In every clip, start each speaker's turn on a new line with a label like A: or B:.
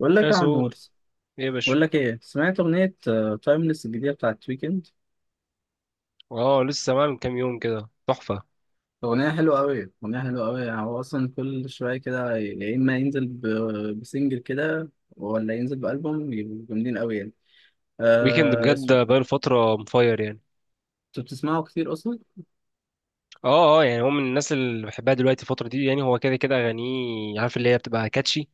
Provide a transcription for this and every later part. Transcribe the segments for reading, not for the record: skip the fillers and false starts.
A: بقول لك يا
B: اسوم،
A: عمور،
B: ايه يا باشا؟
A: بقول لك ايه، سمعت اغنيه تايمليس الجديده بتاعت ويكند؟
B: اه، لسه معاه من كام يوم كده، تحفه.
A: اغنيه حلوه قوي، اغنيه حلوه قوي. يعني هو اصلا كل شويه كده يا اما ينزل بسنجل كده ولا ينزل بالبوم، يبقوا جامدين قوي يعني.
B: ويكند
A: آه،
B: بجد
A: اسمه،
B: بقاله فتره مفاير يعني.
A: انت بتسمعه كتير اصلا؟
B: اه اه، يعني هو من الناس اللي بحبها دلوقتي الفتره دي. يعني هو كده كده اغانيه، عارف، اللي هي بتبقى كاتشي،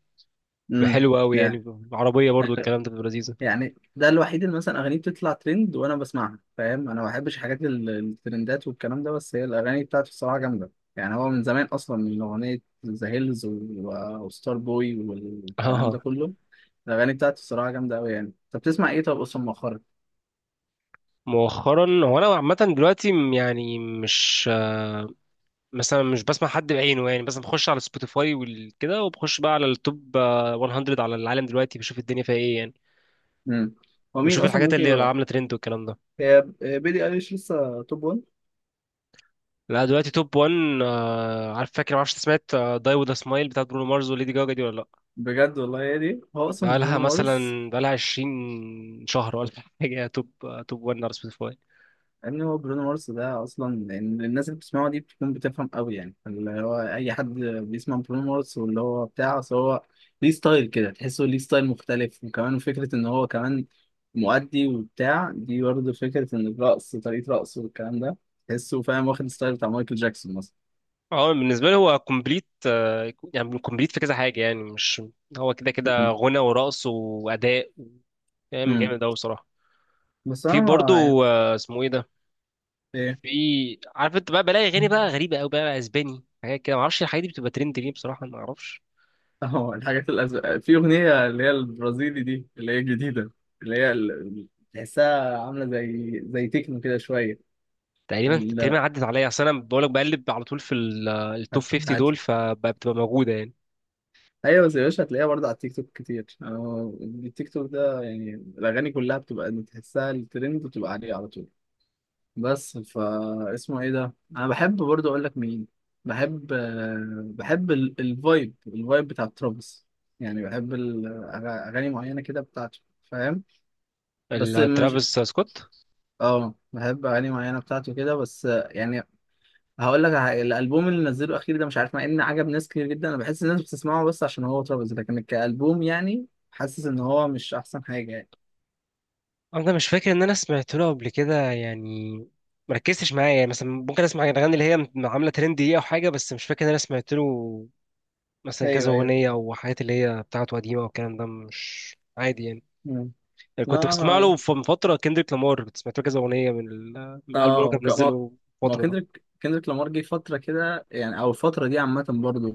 B: بتبقى
A: امم
B: حلوه قوي
A: لا،
B: يعني. عربيه برضو الكلام ده، بتبقى لذيذه.
A: يعني ده الوحيد اللي مثلا اغانيه بتطلع ترند وانا بسمعها، فاهم؟ انا ما بحبش حاجات الترندات والكلام ده، بس هي الاغاني بتاعته الصراحه جامده. يعني هو من زمان اصلا، من اغنيه ذا هيلز وستار بوي
B: اه.
A: والكلام
B: آه.
A: ده كله، الاغاني بتاعته الصراحه جامده قوي. يعني طب بتسمع ايه طب اصلا مؤخرا؟
B: مؤخرا هو انا عامه دلوقتي مش مثلا، مش بسمع حد بعينه يعني، بس بخش على سبوتيفاي وكده، وبخش بقى على التوب 100 على العالم، دلوقتي بشوف الدنيا فيها ايه يعني،
A: امم هو مين
B: بشوف
A: اصلا
B: الحاجات
A: ممكن
B: اللي
A: يبقى؟
B: عامله ترند والكلام ده.
A: هي بيلي ايليش لسه توب 1؟
B: لا دلوقتي توب 1. عارف، فاكر معرفش إنت سمعت داي وذ سمايل بتاعت برونو مارز وليدي جاجا دي ولا لا؟
A: بجد والله هي دي؟ هو اصلا
B: بقالها
A: برونو
B: مثلا
A: مارس،
B: بقالها 20 شهر ولا حاجه، توب توب 1 على سبوتيفاي.
A: ان هو برونو مارس ده اصلا يعني الناس اللي بتسمعه دي بتكون بتفهم قوي، يعني اللي هو اي حد بيسمع برونو مارس، واللي هو بتاع، أصل هو ليه ستايل كده، تحسه ليه ستايل مختلف. وكمان فكره ان هو كمان مؤدي وبتاع دي، برضه فكره ان الرقص طريقه رقصه والكلام ده، تحسه فاهم، واخد ستايل بتاع مايكل جاكسون
B: اه بالنسبه لي هو كومبليت. يعني كومبليت في كذا حاجه يعني، مش، هو كده كده
A: مثلا.
B: غنى ورقص واداء، فاهم؟ جامد قوي بصراحه.
A: بس
B: في
A: انا ما
B: برضو اسمه ايه ده،
A: ايه.
B: في، عارف انت بقى، بلاقي اغاني بقى غريبه قوي، بقى اسباني حاجات كده، معرفش الحاجات دي بتبقى ترند ليه بصراحه، ما اعرفش.
A: اهو الحاجات الأزرق في اغنيه اللي هي البرازيلي دي، اللي هي الجديده، اللي تحسها عامله زي تكنو كده شويه.
B: تقريبا تقريبا
A: ال...
B: عدت عليا، اصل انا بقول لك بقلب على طول في التوب
A: هت...
B: 50
A: هت...
B: دول، فبتبقى موجوده يعني.
A: ايوه بس يا باشا، هتلاقيها برضه على التيك توك كتير. أهو التيك توك ده يعني الاغاني كلها بتبقى تحسها الترند بتبقى عليه على طول. بس فا اسمه ايه ده، انا بحب برضو اقول لك مين بحب. بحب الفايب، الفايب بتاع ترافيس. يعني بحب اغاني معينه كده بتاعته، فاهم؟ بس مش،
B: ترافيس سكوت،
A: اه بحب اغاني معينه بتاعته كده، بس يعني هقول لك على حاجة، الالبوم اللي نزله اخير ده مش عارف، مع ان عجب ناس كتير جدا، انا بحس الناس بتسمعه بس عشان هو ترافيس، لكن كالبوم يعني حاسس ان هو مش احسن حاجه يعني.
B: انا مش فاكر ان انا سمعت له قبل كده يعني، مركزتش معايا يعني، مثلا ممكن اسمع الاغاني اللي هي عامله ترند دي او حاجه، بس مش فاكر ان انا سمعت له مثلا كذا
A: ايوه، ايوه.
B: اغنيه او حاجات اللي هي بتاعته قديمه والكلام ده، مش عادي يعني.
A: مم.
B: كنت
A: لا
B: بسمع
A: انا،
B: له من فتره كندريك لامار، كنت سمعت له كذا اغنيه من الالبوم اللي هو كان
A: اه ما،
B: منزله
A: ما هو
B: الفتره ده.
A: كندريك، كندريك لامار جه فترة كده يعني، او الفترة دي عامة برضه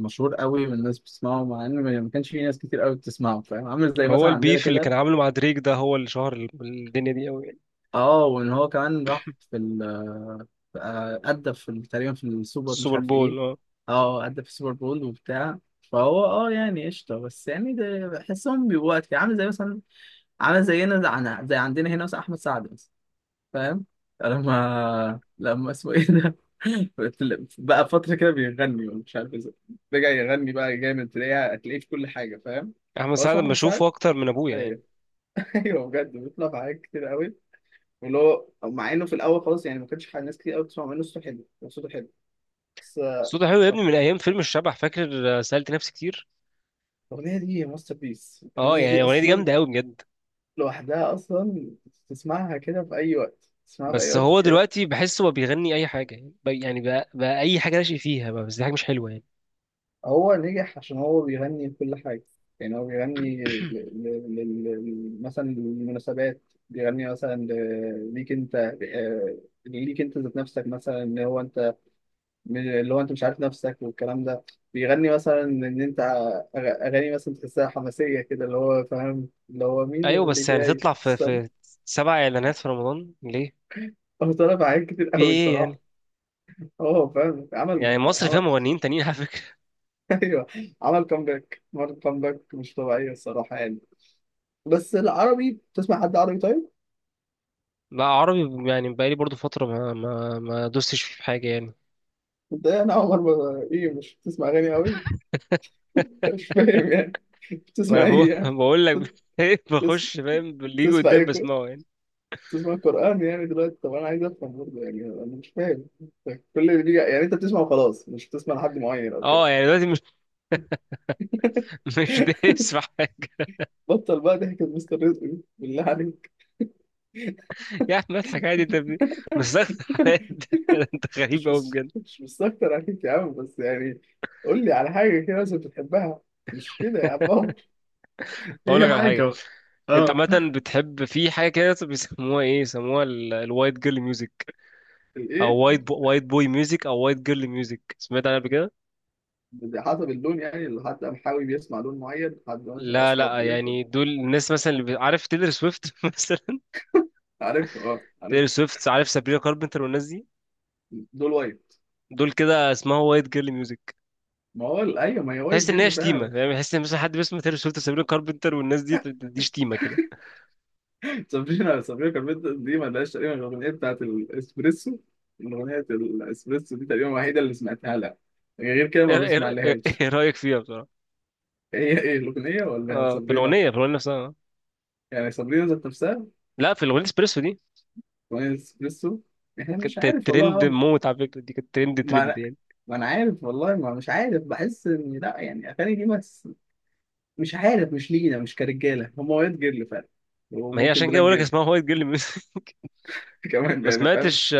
A: مشهور قوي والناس بتسمعه، مع ان ما كانش في ناس كتير قوي بتسمعه، فاهم؟ عامل زي
B: هو
A: مثلا عندنا
B: البيف اللي
A: كده.
B: كان عامله مع دريك ده هو اللي شهر الدنيا دي قوي.
A: اه، وان هو كمان راح في ال، أدى في تقريبا في السوبر مش
B: السوبر
A: عارف ايه.
B: بول، اه.
A: اه، أدى في السوبر بول وبتاع. فهو اه يعني قشطة، بس يعني ده بحسهم بيبقوا وقت عامل زي مثلا، عامل زينا، زي عندنا هنا مثلا أحمد سعد مثلا، فاهم؟ لما اسمه ايه ده بقى فترة كده بيغني ومش عارف ازاي رجع يغني بقى جامد، تلاقيه هتلاقيه في كل حاجة، فاهم؟
B: احمد
A: هو
B: سعد
A: اسمه
B: لما
A: أحمد
B: اشوفه
A: سعد.
B: اكتر من ابويا
A: أيوه.
B: يعني.
A: أيوه بجد، بيطلع في حاجات كتير قوي، واللي هو مع إنه في الأول خالص يعني ما كانش حاجة، ناس كتير قوي بتسمع منه. صوته حلو، هو صوته حلو، بس
B: صوته حلو يا
A: مش عارف.
B: ابني من ايام فيلم الشبح، فاكر؟ سألت نفسي كتير.
A: الأغنية دي ماستر بيس،
B: اه
A: الأغنية
B: يعني
A: دي
B: الاغنيه دي
A: أصلا
B: جامده قوي بجد.
A: لوحدها أصلا تسمعها كده في أي وقت، تسمعها في أي
B: بس
A: وقت.
B: هو دلوقتي بحسه هو بيغني اي حاجه يعني، بقى، اي حاجه ناشئ فيها بقى، بس دي حاجه مش حلوه يعني.
A: هو نجح عشان هو بيغني لكل حاجة، يعني هو بيغني مثلا للمناسبات، بيغني مثلا ليك انت، آه، ليك انت ذات نفسك، مثلا ان هو انت اللي هو انت مش عارف نفسك والكلام ده، بيغني مثلا ان انت، أغ- اغاني مثلا تحسها حماسية كده، اللي هو فاهم، اللي هو مين
B: ايوه
A: اللي
B: بس يعني
A: جاي.
B: تطلع في
A: استنى،
B: سبع اعلانات في رمضان ليه؟
A: هو طلب حاجات كتير
B: في
A: قوي
B: ايه
A: الصراحة،
B: يعني؟
A: هو فاهم
B: يعني
A: عمل
B: مصر فيها
A: عمل
B: مغنيين تانيين على فكره.
A: ايوه، عمل كومباك، عمل كومباك مش طبيعية الصراحة يعني. بس العربي، بتسمع حد عربي طيب؟
B: بقى عربي؟ يعني بقالي برضو فتره ما دوستش في حاجه يعني.
A: انت إيه؟ انا عمر ما ايه، مش بتسمع اغاني قوي؟ مش فاهم يعني،
B: ما
A: بتسمع
B: انا بقول،
A: ايه يعني؟
B: بقول لك،
A: بتس-
B: بخش، فاهم؟ اللي يجي
A: بتسمع
B: قدام
A: ايه
B: بسمعه يعني.
A: بتسمع قرآن يعني دلوقتي؟ طب انا عايز افهم برضه، يعني انا مش فاهم. كل اللي بيجي يعني انت بتسمع وخلاص، مش بتسمع لحد معين او كده؟
B: اه يعني دلوقتي مش دايس في حاجة.
A: بطل بقى ضحكة مستر رزق دي، بالله عليك.
B: يا عم اضحك عادي، بس ده كده انت غريب
A: مش،
B: قوي
A: بس
B: بجد.
A: مش مستكتر عليك يا عم، بس يعني قول لي على حاجة كده مثلا بتحبها، مش كده يا عم عمر.
B: اقول
A: هي
B: لك على
A: حاجة
B: حاجة،
A: بقى.
B: انت
A: اه.
B: عامة بتحب في حاجة كده بيسموها ايه، يسموها الوايت جيرل ميوزك، او
A: الايه؟
B: وايت بوي ميوزك، او وايت جيرل ميوزك، سمعت عنها قبل كده؟
A: حسب اللون يعني، لحد قمحاوي بيسمع لون معين، حد ماشي
B: لا
A: اسمر
B: لا
A: بيسمع؟
B: يعني، دول الناس مثلا عارف تيلر سويفت مثلا،
A: عارف، اه عارف.
B: تيلر سويفت، عارف، سابرينا كاربنتر والناس دي،
A: دول وايت؟
B: دول كده اسمها وايت جيرل ميوزك.
A: ما هو ايوه، ما هي وايت
B: تحس ان هي
A: جل
B: شتيمه
A: فعلا.
B: يعني، تحس ان مثلا حد بيسمع تيلر سويفت وسابرينا كاربنتر والناس دي، دي شتيمه كده.
A: سابرينا، سابرينا كاربنتر دي ما لهاش تقريبا غير الاغنيه بتاعت الاسبريسو، الاغنيه الاسبريسو دي تقريبا الوحيده اللي سمعتها لها، يعني غير كده ما
B: ايه؟
A: بسمع لهاش.
B: إيه رايك فيها بصراحه؟
A: هي ايه، إيه الاغنيه ولا
B: اه في
A: سابرينا؟
B: الاغنيه، في الاغنيه نفسها آه.
A: يعني سابرينا ذات نفسها؟
B: لا، في الاغنيه اسبريسو دي،
A: اغنيه الاسبريسو، احنا مش
B: كانت
A: عارف والله يا
B: ترند
A: عمرو.
B: موت على فكره، دي كانت ترند
A: ما
B: ترند
A: انا
B: يعني.
A: ما انا عارف والله، ما مش عارف، بحس ان لا يعني اغاني دي، ما مش عارف، مش لينا، مش كرجاله، هم وايت جيرل فعلا
B: ما هي
A: وممكن
B: عشان كده
A: بلاك
B: بقول لك
A: جيرل.
B: اسمها وايت جيرل ميوزك.
A: كمان
B: ما
A: يعني، فاهم.
B: سمعتش.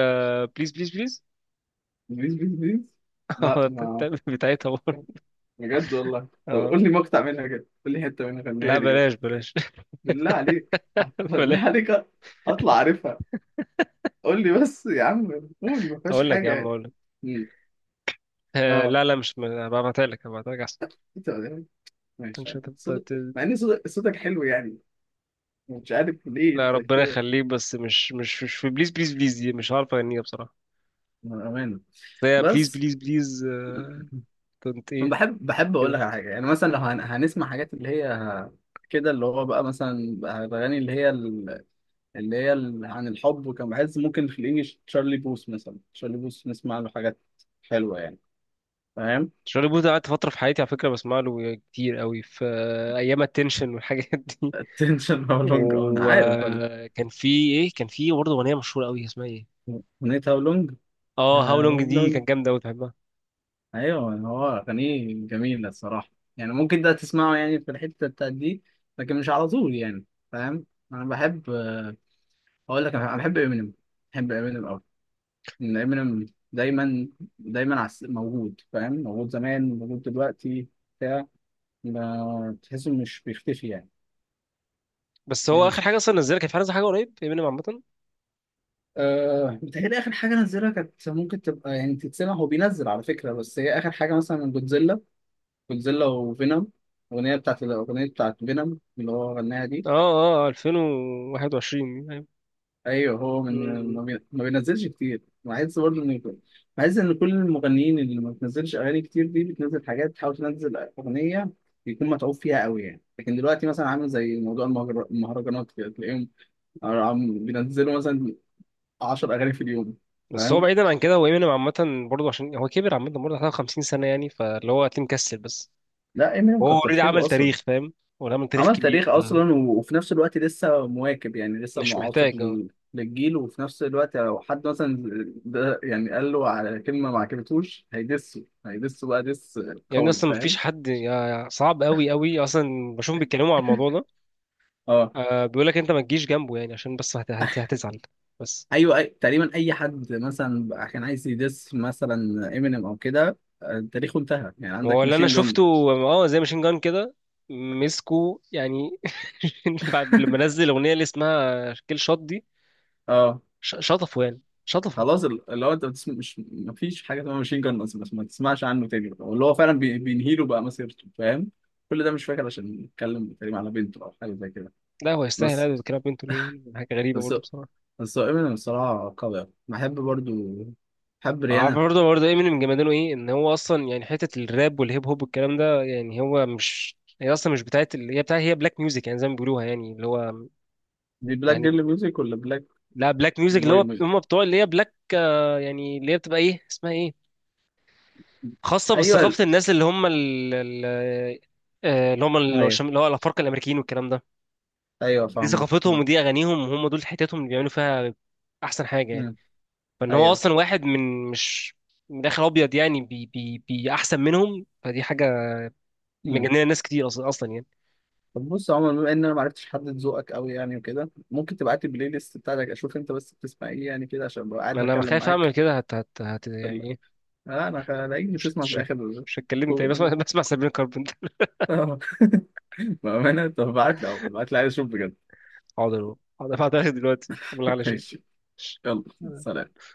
B: بليز بليز بليز،
A: بيس لا، ما
B: بتاعتها برضه.
A: بجد والله. طب
B: اه
A: قول لي مقطع منها كده، قول لي حته منها،
B: لا
A: غنيها لي كده،
B: بلاش بلاش.
A: بالله عليك. بالله
B: بلاش.
A: عليك، اطلع عارفها، قول لي بس يا عم، قول، ما فيهاش
B: اقول لك يا
A: حاجه
B: عم،
A: يعني.
B: اقول لك.
A: مم. اه،
B: لا لا، مش ما- هبعتها لك، هبعتها لك احسن.
A: انت، ماشي،
B: مش هتبقى
A: صدق،
B: ت-
A: مع ان صدق صوتك حلو يعني، مش عارف ليه
B: لا
A: انت
B: ربنا
A: كده.
B: يخليك، بس مش في بليز بليز بليز دي مش عارف اغنيها بصراحه،
A: من امانه.
B: بس هي بليز
A: بس
B: بليز بليز. كنت
A: أنا
B: ايه؟
A: بحب، بحب اقول لك
B: كده
A: على حاجه، يعني مثلا لو هنسمع حاجات اللي هي كده، اللي هو بقى مثلا بقى الاغاني عن الحب، وكان بحس ممكن في الانجليش تشارلي بوث، مثلا تشارلي بوث نسمع له حاجات حلوه يعني، فاهم؟
B: شارلي بوث ده قعدت فترة في حياتي على فكرة بسمع له كتير قوي، في أيام التنشن والحاجات دي.
A: attention, how long، اه انا عارف أنا.
B: وكان في إيه، كان في برضه أغنية مشهورة قوي اسمها إيه،
A: اغنيه how long،
B: اه هاو لونج،
A: how
B: دي
A: long،
B: كانت جامدة أوي بحبها.
A: ايوه هو اغانيه جميله الصراحه، يعني ممكن ده تسمعه يعني في الحته بتاعت دي، لكن مش على طول يعني، فاهم؟ انا بحب، اقول لك، انا بحب امينيم، بحب امينيم، ان امينيم دايما موجود، فاهم؟ موجود زمان، موجود دلوقتي بتاع ما تحسه مش بيختفي يعني.
B: بس هو آخر حاجة
A: نمت.
B: أصلا نزلها كانت في حاجة، نزل حاجة قريب امينيم عامة،
A: أه، بتهيألي آخر حاجة نزلها كانت ممكن تبقى يعني تتسمع، هو بينزل على فكرة، بس هي آخر حاجة مثلا من جودزيلا، جودزيلا وفينوم، الأغنية بتاعت، الأغنية بتاعت فينوم اللي هو غناها دي.
B: اه اه، 2021 يعني.
A: ايوه، هو من،
B: مم.
A: ما بينزلش كتير، بحس برضه ان، بحس ان كل المغنيين اللي ما بتنزلش اغاني كتير دي، بتنزل حاجات بتحاول تنزل اغنيه يكون متعوب فيها قوي يعني، لكن دلوقتي مثلا عامل زي موضوع المهرجانات كده تلاقيهم بينزلوا مثلا 10 اغاني في اليوم،
B: بس هو
A: فاهم؟
B: بعيدا عن كده، هو امينيم عامة برضه، عشان هو كبر عامة، برضه حوالي 50 سنة يعني، فاللي هو هتلاقيه مكسل بس.
A: لا امينيم
B: هو
A: كتر
B: اوريدي
A: خيره
B: عمل
A: اصلا،
B: تاريخ، فاهم؟ هو عمل تاريخ
A: عمل تاريخ
B: كبير، فمش
A: اصلا وفي نفس الوقت لسه مواكب يعني، لسه معاصر
B: محتاج. آه.
A: للجيل، وفي نفس الوقت لو حد مثلا ده يعني قال له على كلمه ما عجبتوش، هيدسه بقى دس
B: يعني
A: قوي،
B: اصلا مفيش
A: فاهم؟
B: حد، صعب قوي قوي اصلا بشوف بيتكلموا على الموضوع ده.
A: اه،
B: آه، بيقول لك انت ما تجيش جنبه يعني، عشان بس هتزعل. بس
A: ايوه، أي، تقريبا اي حد مثلا بقى كان عايز يدس مثلا امينيم او كده، تاريخه انتهى، يعني
B: هو
A: عندك
B: اللي انا
A: ماشين جن.
B: شفته، اه زي ماشين جان كده، مسكه يعني، بعد لما نزل الاغنيه اللي اسمها كيل شوت دي،
A: اه،
B: شطفه يعني، شطفه.
A: خلاص اللي هو انت بتسمع مش، مفيش حاجه اسمها ماشين جان اصلا، بس ما تسمعش عنه تاني بقى، واللي هو فعلا بينهي له بقى مسيرته، فاهم؟ كل ده مش فاكر عشان نتكلم تقريبا على بنته او حاجه زي كده.
B: لا هو يستاهل،
A: بس
B: هذا بيتكلم بنته ليه، حاجه غريبه
A: بس
B: برضه بصراحه.
A: بس هو امينيم الصراحه قوي أوي. بحب برضو، بحب
B: عارف
A: ريانا.
B: برضه ايه من جمدانه، ايه ان هو اصلا يعني حته الراب والهيب هوب والكلام ده، يعني هو مش، هي اصلا مش بتاعت هي بتاعت، هي بلاك ميوزك يعني، زي ما بيقولوها، يعني اللي هو
A: دي بلاك
B: يعني،
A: جيرل ميوزك ولا بلاك
B: لا بلاك ميوزك، اللي
A: بوي
B: هو
A: ميوزك؟
B: هم بتوع، اللي هي بلاك يعني اللي هي بتبقى ايه، اسمها ايه، خاصة
A: ايوه
B: بثقافة الناس اللي هم اللي هم
A: ايوه،
B: اللي هو الأفارقة الأمريكيين والكلام ده.
A: ايوه
B: دي
A: فاهمك.
B: ثقافتهم،
A: آه.
B: ودي أغانيهم، وهم دول حتتهم اللي بيعملوا فيها أحسن حاجة يعني.
A: مم.
B: فإن هو
A: ايوه.
B: أصلا واحد من، مش، من الآخر أبيض يعني، بي أحسن منهم، فدي حاجة
A: مم.
B: مجننة ناس كتير أصلا. أصلا يعني
A: طب بص يا عمر، بما ان انا ما عرفتش احدد ذوقك قوي يعني وكده، ممكن تبعت لي البلاي ليست بتاعتك، اشوف انت بس بتسمع ايه يعني كده، عشان ابقى
B: ما
A: عارف
B: أنا
A: اتكلم
B: بخاف أعمل
A: معاك.
B: كده، هت هت هت
A: لا
B: يعني إيه،
A: انا اجي
B: مش
A: تسمع في
B: هتش-
A: الاخر.
B: مش هتكلمني تاني بسمع، بسمع سابين كاربنتر.
A: آه، بامانه، طب ابعت لي أهو، ابعت لي، عايز اشوف بجد.
B: حاضر حاضر، هبعتها لك دلوقتي قبل على شيء.
A: ماشي، يلا سلام.